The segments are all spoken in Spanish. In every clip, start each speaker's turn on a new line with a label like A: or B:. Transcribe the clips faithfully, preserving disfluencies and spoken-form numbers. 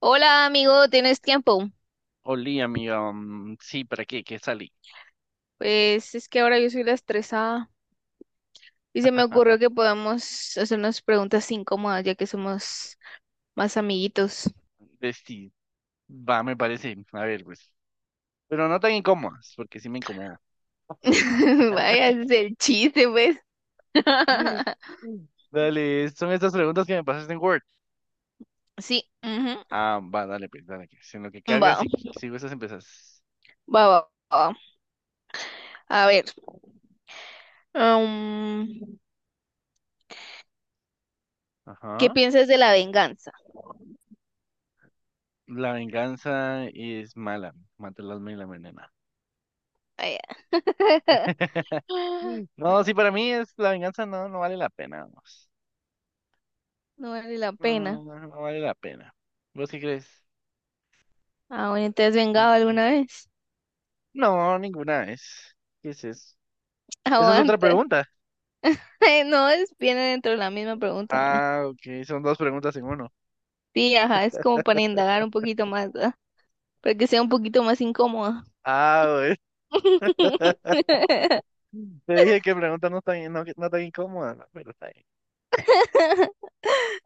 A: Hola amigo, ¿tienes tiempo?
B: Olí, amiga. mm, sí, ¿para qué? ¿Qué salí?
A: Pues es que ahora yo soy la estresada y se me ocurrió que podamos hacer unas preguntas incómodas ya que somos más amiguitos.
B: Vestí. Va, me parece. A ver, pues. Pero no tan incómodas, porque sí me incomodó.
A: Vaya, ese es el chiste, pues.
B: Mm, mm. Dale, son estas preguntas que me pasaste en Word.
A: Sí, ujú.
B: Ah, va, dale, pues, dale. Que si en lo que cargas
A: Va,
B: y que- sigo esas empezás.
A: va, va, va. A ver, mm, ¿qué
B: Ajá.
A: piensas de la venganza?
B: La venganza es mala. Mata el alma y la envenena.
A: Ay, ah,
B: No, sí,
A: no,
B: para mí es la venganza no, no vale la pena, vamos.
A: no vale la
B: No, no,
A: pena.
B: no no vale la pena. ¿Vos qué crees?
A: Ah, bueno, ¿te has vengado alguna vez?
B: No, ninguna es. ¿Qué es eso? Esa es otra
A: Aguanta.
B: pregunta.
A: No, es viene dentro de la misma pregunta, mira.
B: Ah, ok, son dos preguntas en uno.
A: Sí, ajá, es como para indagar un poquito más, ¿no?, para que sea un poquito más incómoda.
B: Ah, güey. Te dije que preguntas no tan, no, no tan incómodas, ¿no? Pero está bien.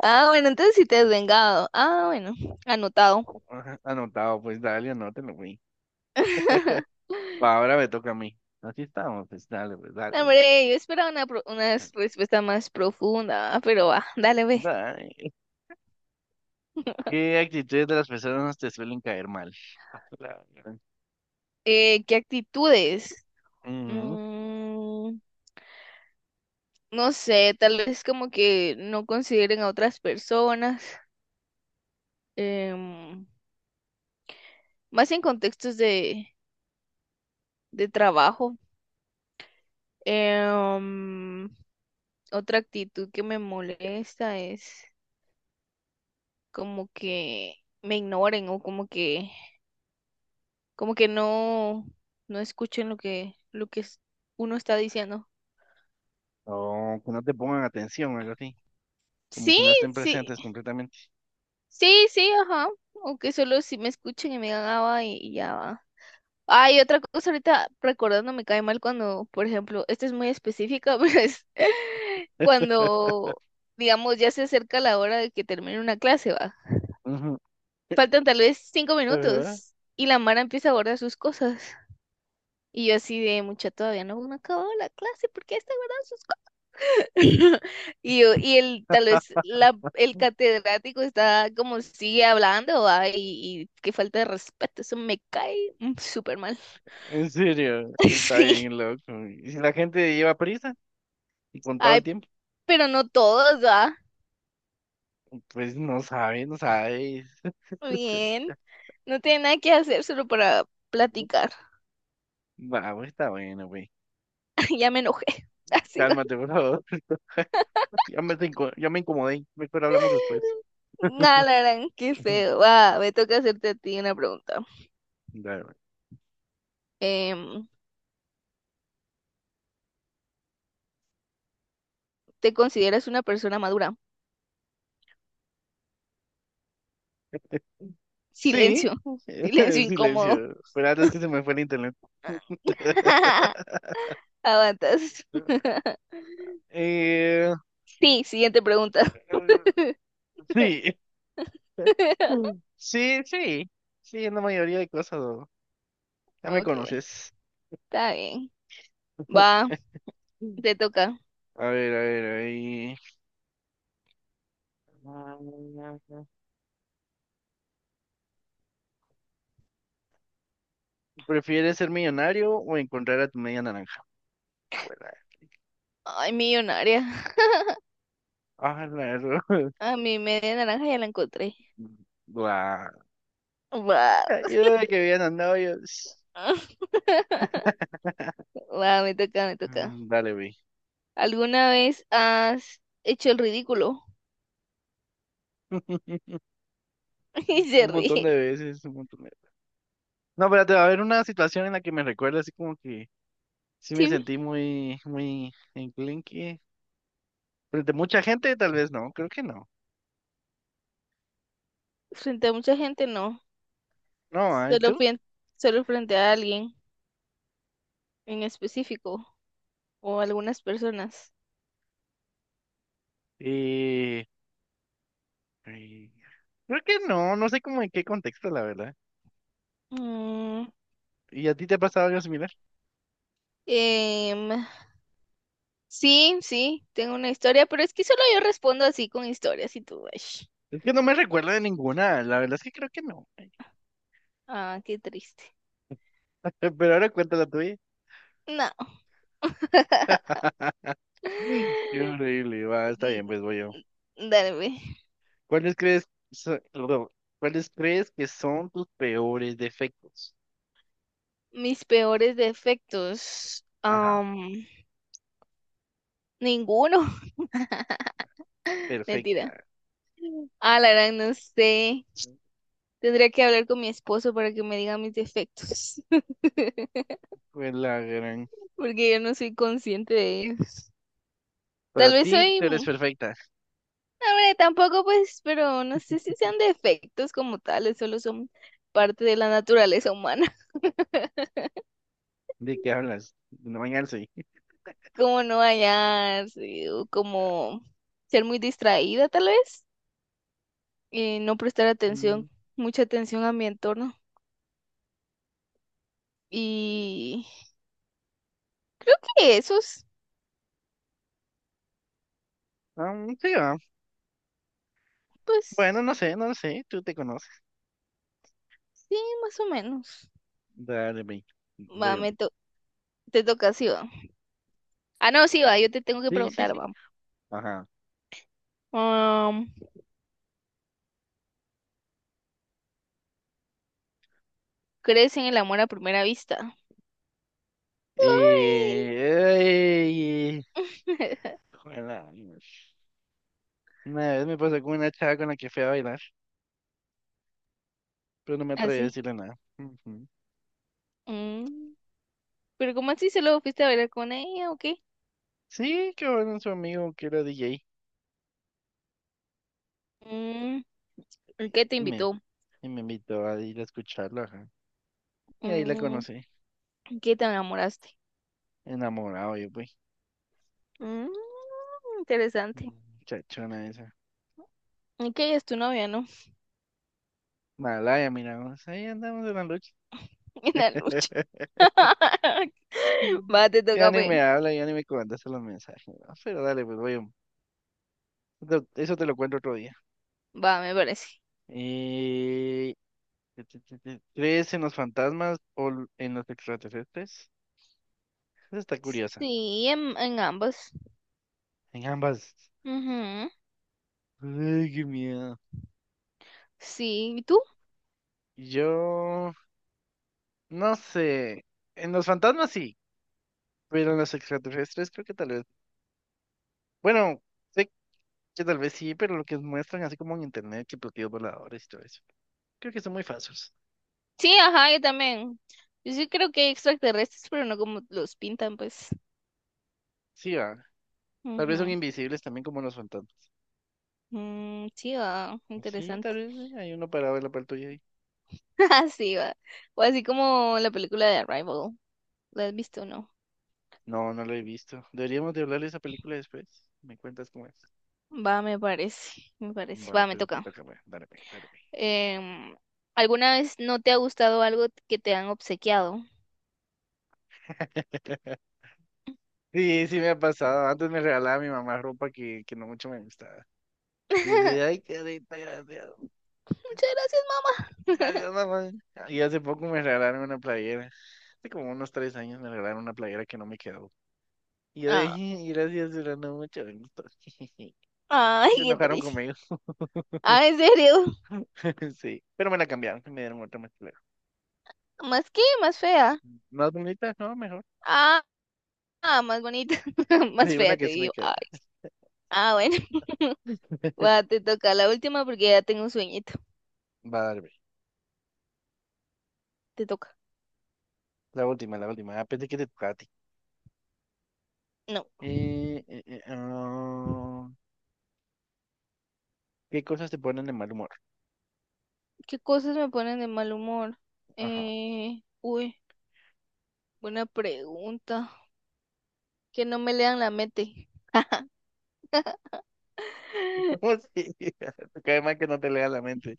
A: Ah, bueno, entonces sí te has vengado. Ah, bueno, anotado.
B: Ajá, anotado, pues dale, anótelo, güey. Va, ahora me toca a mí. Así estamos, pues dale, pues dale,
A: No,
B: güey.
A: hombre, yo esperaba una, pro- una respuesta más profunda, ah, pero va, dale, ve.
B: Dale. ¿Qué actitudes de las personas te suelen caer mal? A la gran-
A: Eh, ¿qué actitudes?
B: Ujú.
A: Mm, no sé, tal vez como que no consideren a otras personas, em, más en contextos de, de trabajo. Em, otra actitud que me molesta es como que me ignoren o como que, como que no, no escuchen lo que, lo que es- uno está diciendo.
B: O que no te pongan atención, algo así. Como
A: Sí,
B: que no estén
A: sí,
B: presentes completamente.
A: sí, sí, ajá. O que solo si me escuchen y me digan, ah, va, y, y ya va. Ay, otra cosa ahorita recordando me cae mal cuando, por ejemplo, esta es muy específica, pero es cuando, digamos, ya se acerca la hora de que termine una clase, va.
B: Ujú.
A: Faltan tal vez cinco
B: Ajá.
A: minutos y la Mara empieza a guardar sus cosas. Y yo así de mucha todavía no me acabó la clase, ¿por qué está guardando sus cosas? Y yo, y el, tal vez la, el catedrático está como sigue hablando, ¿va? Y, y qué falta de respeto, eso me cae mm, súper mal.
B: En serio, está
A: Sí,
B: bien loco. Y si la gente lleva prisa y contaba el
A: ay,
B: tiempo,
A: pero no todos, ¿va?
B: pues no sabe, no sabe.
A: Bien, no tiene nada que hacer solo para platicar.
B: Va, güey, está bueno, güey.
A: Ya me enojé, así va.
B: Cálmate, por favor. Ya me, te inco- ya me incomodé. Mejor hablamos después.
A: Nah, la gran, qué feo. Va, me toca hacerte a ti una pregunta.
B: Dale, güey.
A: Em, ¿te consideras una persona madura?
B: Sí,
A: Silencio, silencio incómodo.
B: silencio. Pero antes que se me fue el internet.
A: Aguantas.
B: Eh,
A: Sí, siguiente pregunta.
B: sí, sí, sí. Sí, en la mayoría de cosas, ¿no? Ya me
A: Ok,
B: conoces.
A: está bien. Va, te toca.
B: A ver, a ver, a ver. ¿Prefieres ser millonario o encontrar a tu media naranja? Joder.
A: Ay, millonaria.
B: Ah, la ro-
A: A mi media naranja ya la encontré.
B: Guau.
A: Va.
B: Ayuda, que habían andado yo.
A: Va, me toca, me toca.
B: Mm, Dale, vi.
A: ¿Alguna vez has hecho el ridículo? Y
B: Un
A: se
B: montón
A: ríe.
B: de veces, un montón de... No, espérate, va a haber una situación en la que me recuerda así como que sí me
A: Sí,
B: sentí muy, muy enclenque. Frente a mucha gente, tal vez no, creo que no.
A: frente a mucha gente no.
B: No, ¿ah? ¿Y
A: Solo,
B: tú?
A: fui en- solo frente a alguien en específico o algunas personas.
B: Eh, eh, creo que no, no sé como en qué contexto, la verdad.
A: Mm,
B: ¿Y a ti te ha pasado algo similar?
A: em, sí, sí, tengo una historia, pero es que solo yo respondo así con historias y tú, ay,
B: Es que no me recuerdo de ninguna, la verdad es que creo que no.
A: ah, qué triste.
B: Pero ahora cuenta la tuya.
A: No.
B: Uy, qué horrible, va, está bien,
A: Mm,
B: pues voy yo.
A: dale, ve.
B: ¿Cuáles crees, so- perdón, ¿cuáles crees que son tus peores defectos?
A: Mis peores defectos.
B: Ajá,
A: am, ninguno. Mentira.
B: perfecta.
A: Ah, la verdad, no sé. Tendría que hablar con mi esposo para que me diga mis defectos.
B: Fue la gran.
A: Porque yo no soy consciente de ellos.
B: Para
A: Tal vez
B: ti,
A: soy
B: tú eres perfecta.
A: No, hombre, tampoco pues, pero no sé si sean defectos como tales, solo son parte de la naturaleza humana,
B: ¿De qué hablas? No bañarse.
A: como no hallarse o como ser muy distraída tal vez, eh, no prestar atención,
B: Mm,
A: mucha atención a mi entorno. Y creo que esos,
B: ah, sí, va. Bueno,
A: pues
B: no sé, no sé, tú te conoces.
A: sí, más o menos.
B: Dale, ve.
A: Va,
B: Voy yo.
A: me to- te toca, sí, va. Ah, no, sí, va, yo te tengo que
B: Sí, sí,
A: preguntar,
B: sí.
A: va.
B: Ajá.
A: Am, ¿crees en el amor a primera vista? Ay.
B: Eh, Juela, Dios. Una vez me pasó con una chava con la que fui a bailar, pero no me atreví a
A: Así.
B: decirle nada. Ujú.
A: Mm. Pero ¿cómo así solo fuiste a bailar con ella o qué?
B: Sí, que bueno, su amigo que era D J,
A: Mm, ¿y qué te
B: y me,
A: invitó?
B: y me invitó a ir a escucharlo. Ajá. Y ahí la
A: Mm,
B: conocí,
A: ¿y qué te enamoraste?
B: enamorado yo, pues.
A: Mm, interesante.
B: Mm, Chachona esa.
A: ¿Y qué es tu novia, no?
B: Malaya, miramos, ahí andamos en la lucha.
A: En la lucha. Va, te
B: Ya
A: toca,
B: ni
A: pues.
B: me habla, ya ni me contesta los mensajes, ¿no? Pero dale, pues voy. Eso te lo cuento otro día.
A: Va, me parece.
B: Eh, ¿Crees en los fantasmas o l- en los extraterrestres? Esa está curiosa.
A: Sí, en, en ambos.
B: En ambas.
A: Ujú.
B: Ay, qué miedo.
A: Sí, ¿y tú?
B: Yo no sé. En los fantasmas sí, pero en los extraterrestres creo que tal vez. Bueno, sé que tal vez sí, pero lo que muestran así como en internet, que platillos voladores y todo eso. Creo que son muy falsos.
A: Sí, ajá, yo también. Yo sí creo que hay extraterrestres, pero no como los pintan, pues.
B: Sí, va. Tal vez son
A: Ujú.
B: invisibles también como los fantasmas.
A: Mm, sí, va,
B: Sí, tal
A: interesante.
B: vez eh, hay uno parado en la par tuya ahí.
A: Así va. O así como la película de Arrival. ¿La has visto o no?
B: No, no lo he visto. Deberíamos de hablar de esa película después. ¿Me cuentas cómo es?
A: Va, me parece, me parece.
B: Va,
A: Va, me
B: pero te
A: toca.
B: toca, pues. Dale, pues, dale, pues.
A: Em, ¿alguna vez no te ha gustado algo que te han obsequiado?
B: Sí, sí me ha pasado. Antes me regalaba mi mamá ropa que, que no mucho me gustaba. Y yo decía, ay, qué rica, gracias.
A: Muchas gracias, mamá.
B: Gracias, mamá. Y hace poco me regalaron una playera. Hace como unos tres años me regalaron una playera que no me quedó. Y yo
A: Ah,
B: dije, gracias, pero no mucho me gustó.
A: ay,
B: Se
A: qué
B: enojaron
A: triste.
B: conmigo.
A: Ah, ¿en serio?
B: Sí. Pero me la cambiaron, y me dieron otra más clara.
A: ¿Más qué? ¿Más fea?
B: Más bonita, no, mejor.
A: Ah, ah, más bonita. Más
B: Sí, una
A: fea, te
B: que sí me
A: digo.
B: queda.
A: Ay. Ah, bueno. Va, te toca la última porque ya tengo un sueñito.
B: Va, dale, pues.
A: Te toca.
B: La última, la última. Ah, pensé que te tocaba.
A: No.
B: Eh, eh, eh, ah, ¿qué cosas te ponen de mal humor?
A: ¿Qué cosas me ponen de mal humor?
B: Ajá.
A: Eh, uy, buena pregunta. Que no me lean la mente.
B: No, sí, cae mal que no te lea la mente.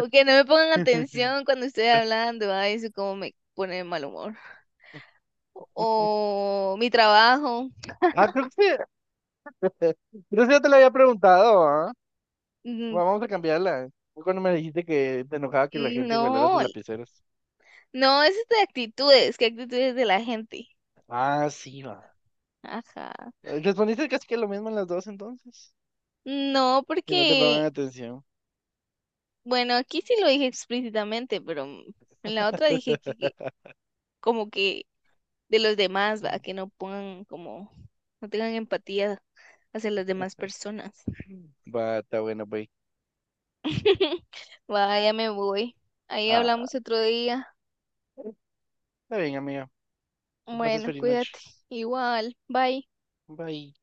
A: O que no me pongan atención cuando estoy hablando. Ay, eso como me pone de mal humor. O mi trabajo.
B: Ah, creo que sí, creo que ya te lo había preguntado, ¿ah?
A: Mm,
B: Bueno, vamos a cambiarla. Fue cuando me dijiste que te enojaba que la
A: mm,
B: gente guardara sus
A: No,
B: lapiceros.
A: no, eso es de actitudes. ¿Qué actitudes de la gente?
B: Ah, sí, va.
A: Ajá.
B: Respondiste casi que lo mismo en las dos entonces.
A: No,
B: Que no te
A: porque,
B: pongan atención.
A: bueno, aquí sí lo dije explícitamente, pero en la otra dije que que como que de los demás, ¿va? Que no pongan como, no tengan empatía hacia las demás personas.
B: Va, está bueno, bye.
A: Vaya, me voy. Ahí
B: Ah,
A: hablamos otro día.
B: está bien, amiga. Que pases
A: Bueno,
B: feliz noche.
A: cuídate. Igual, bye.
B: Bye.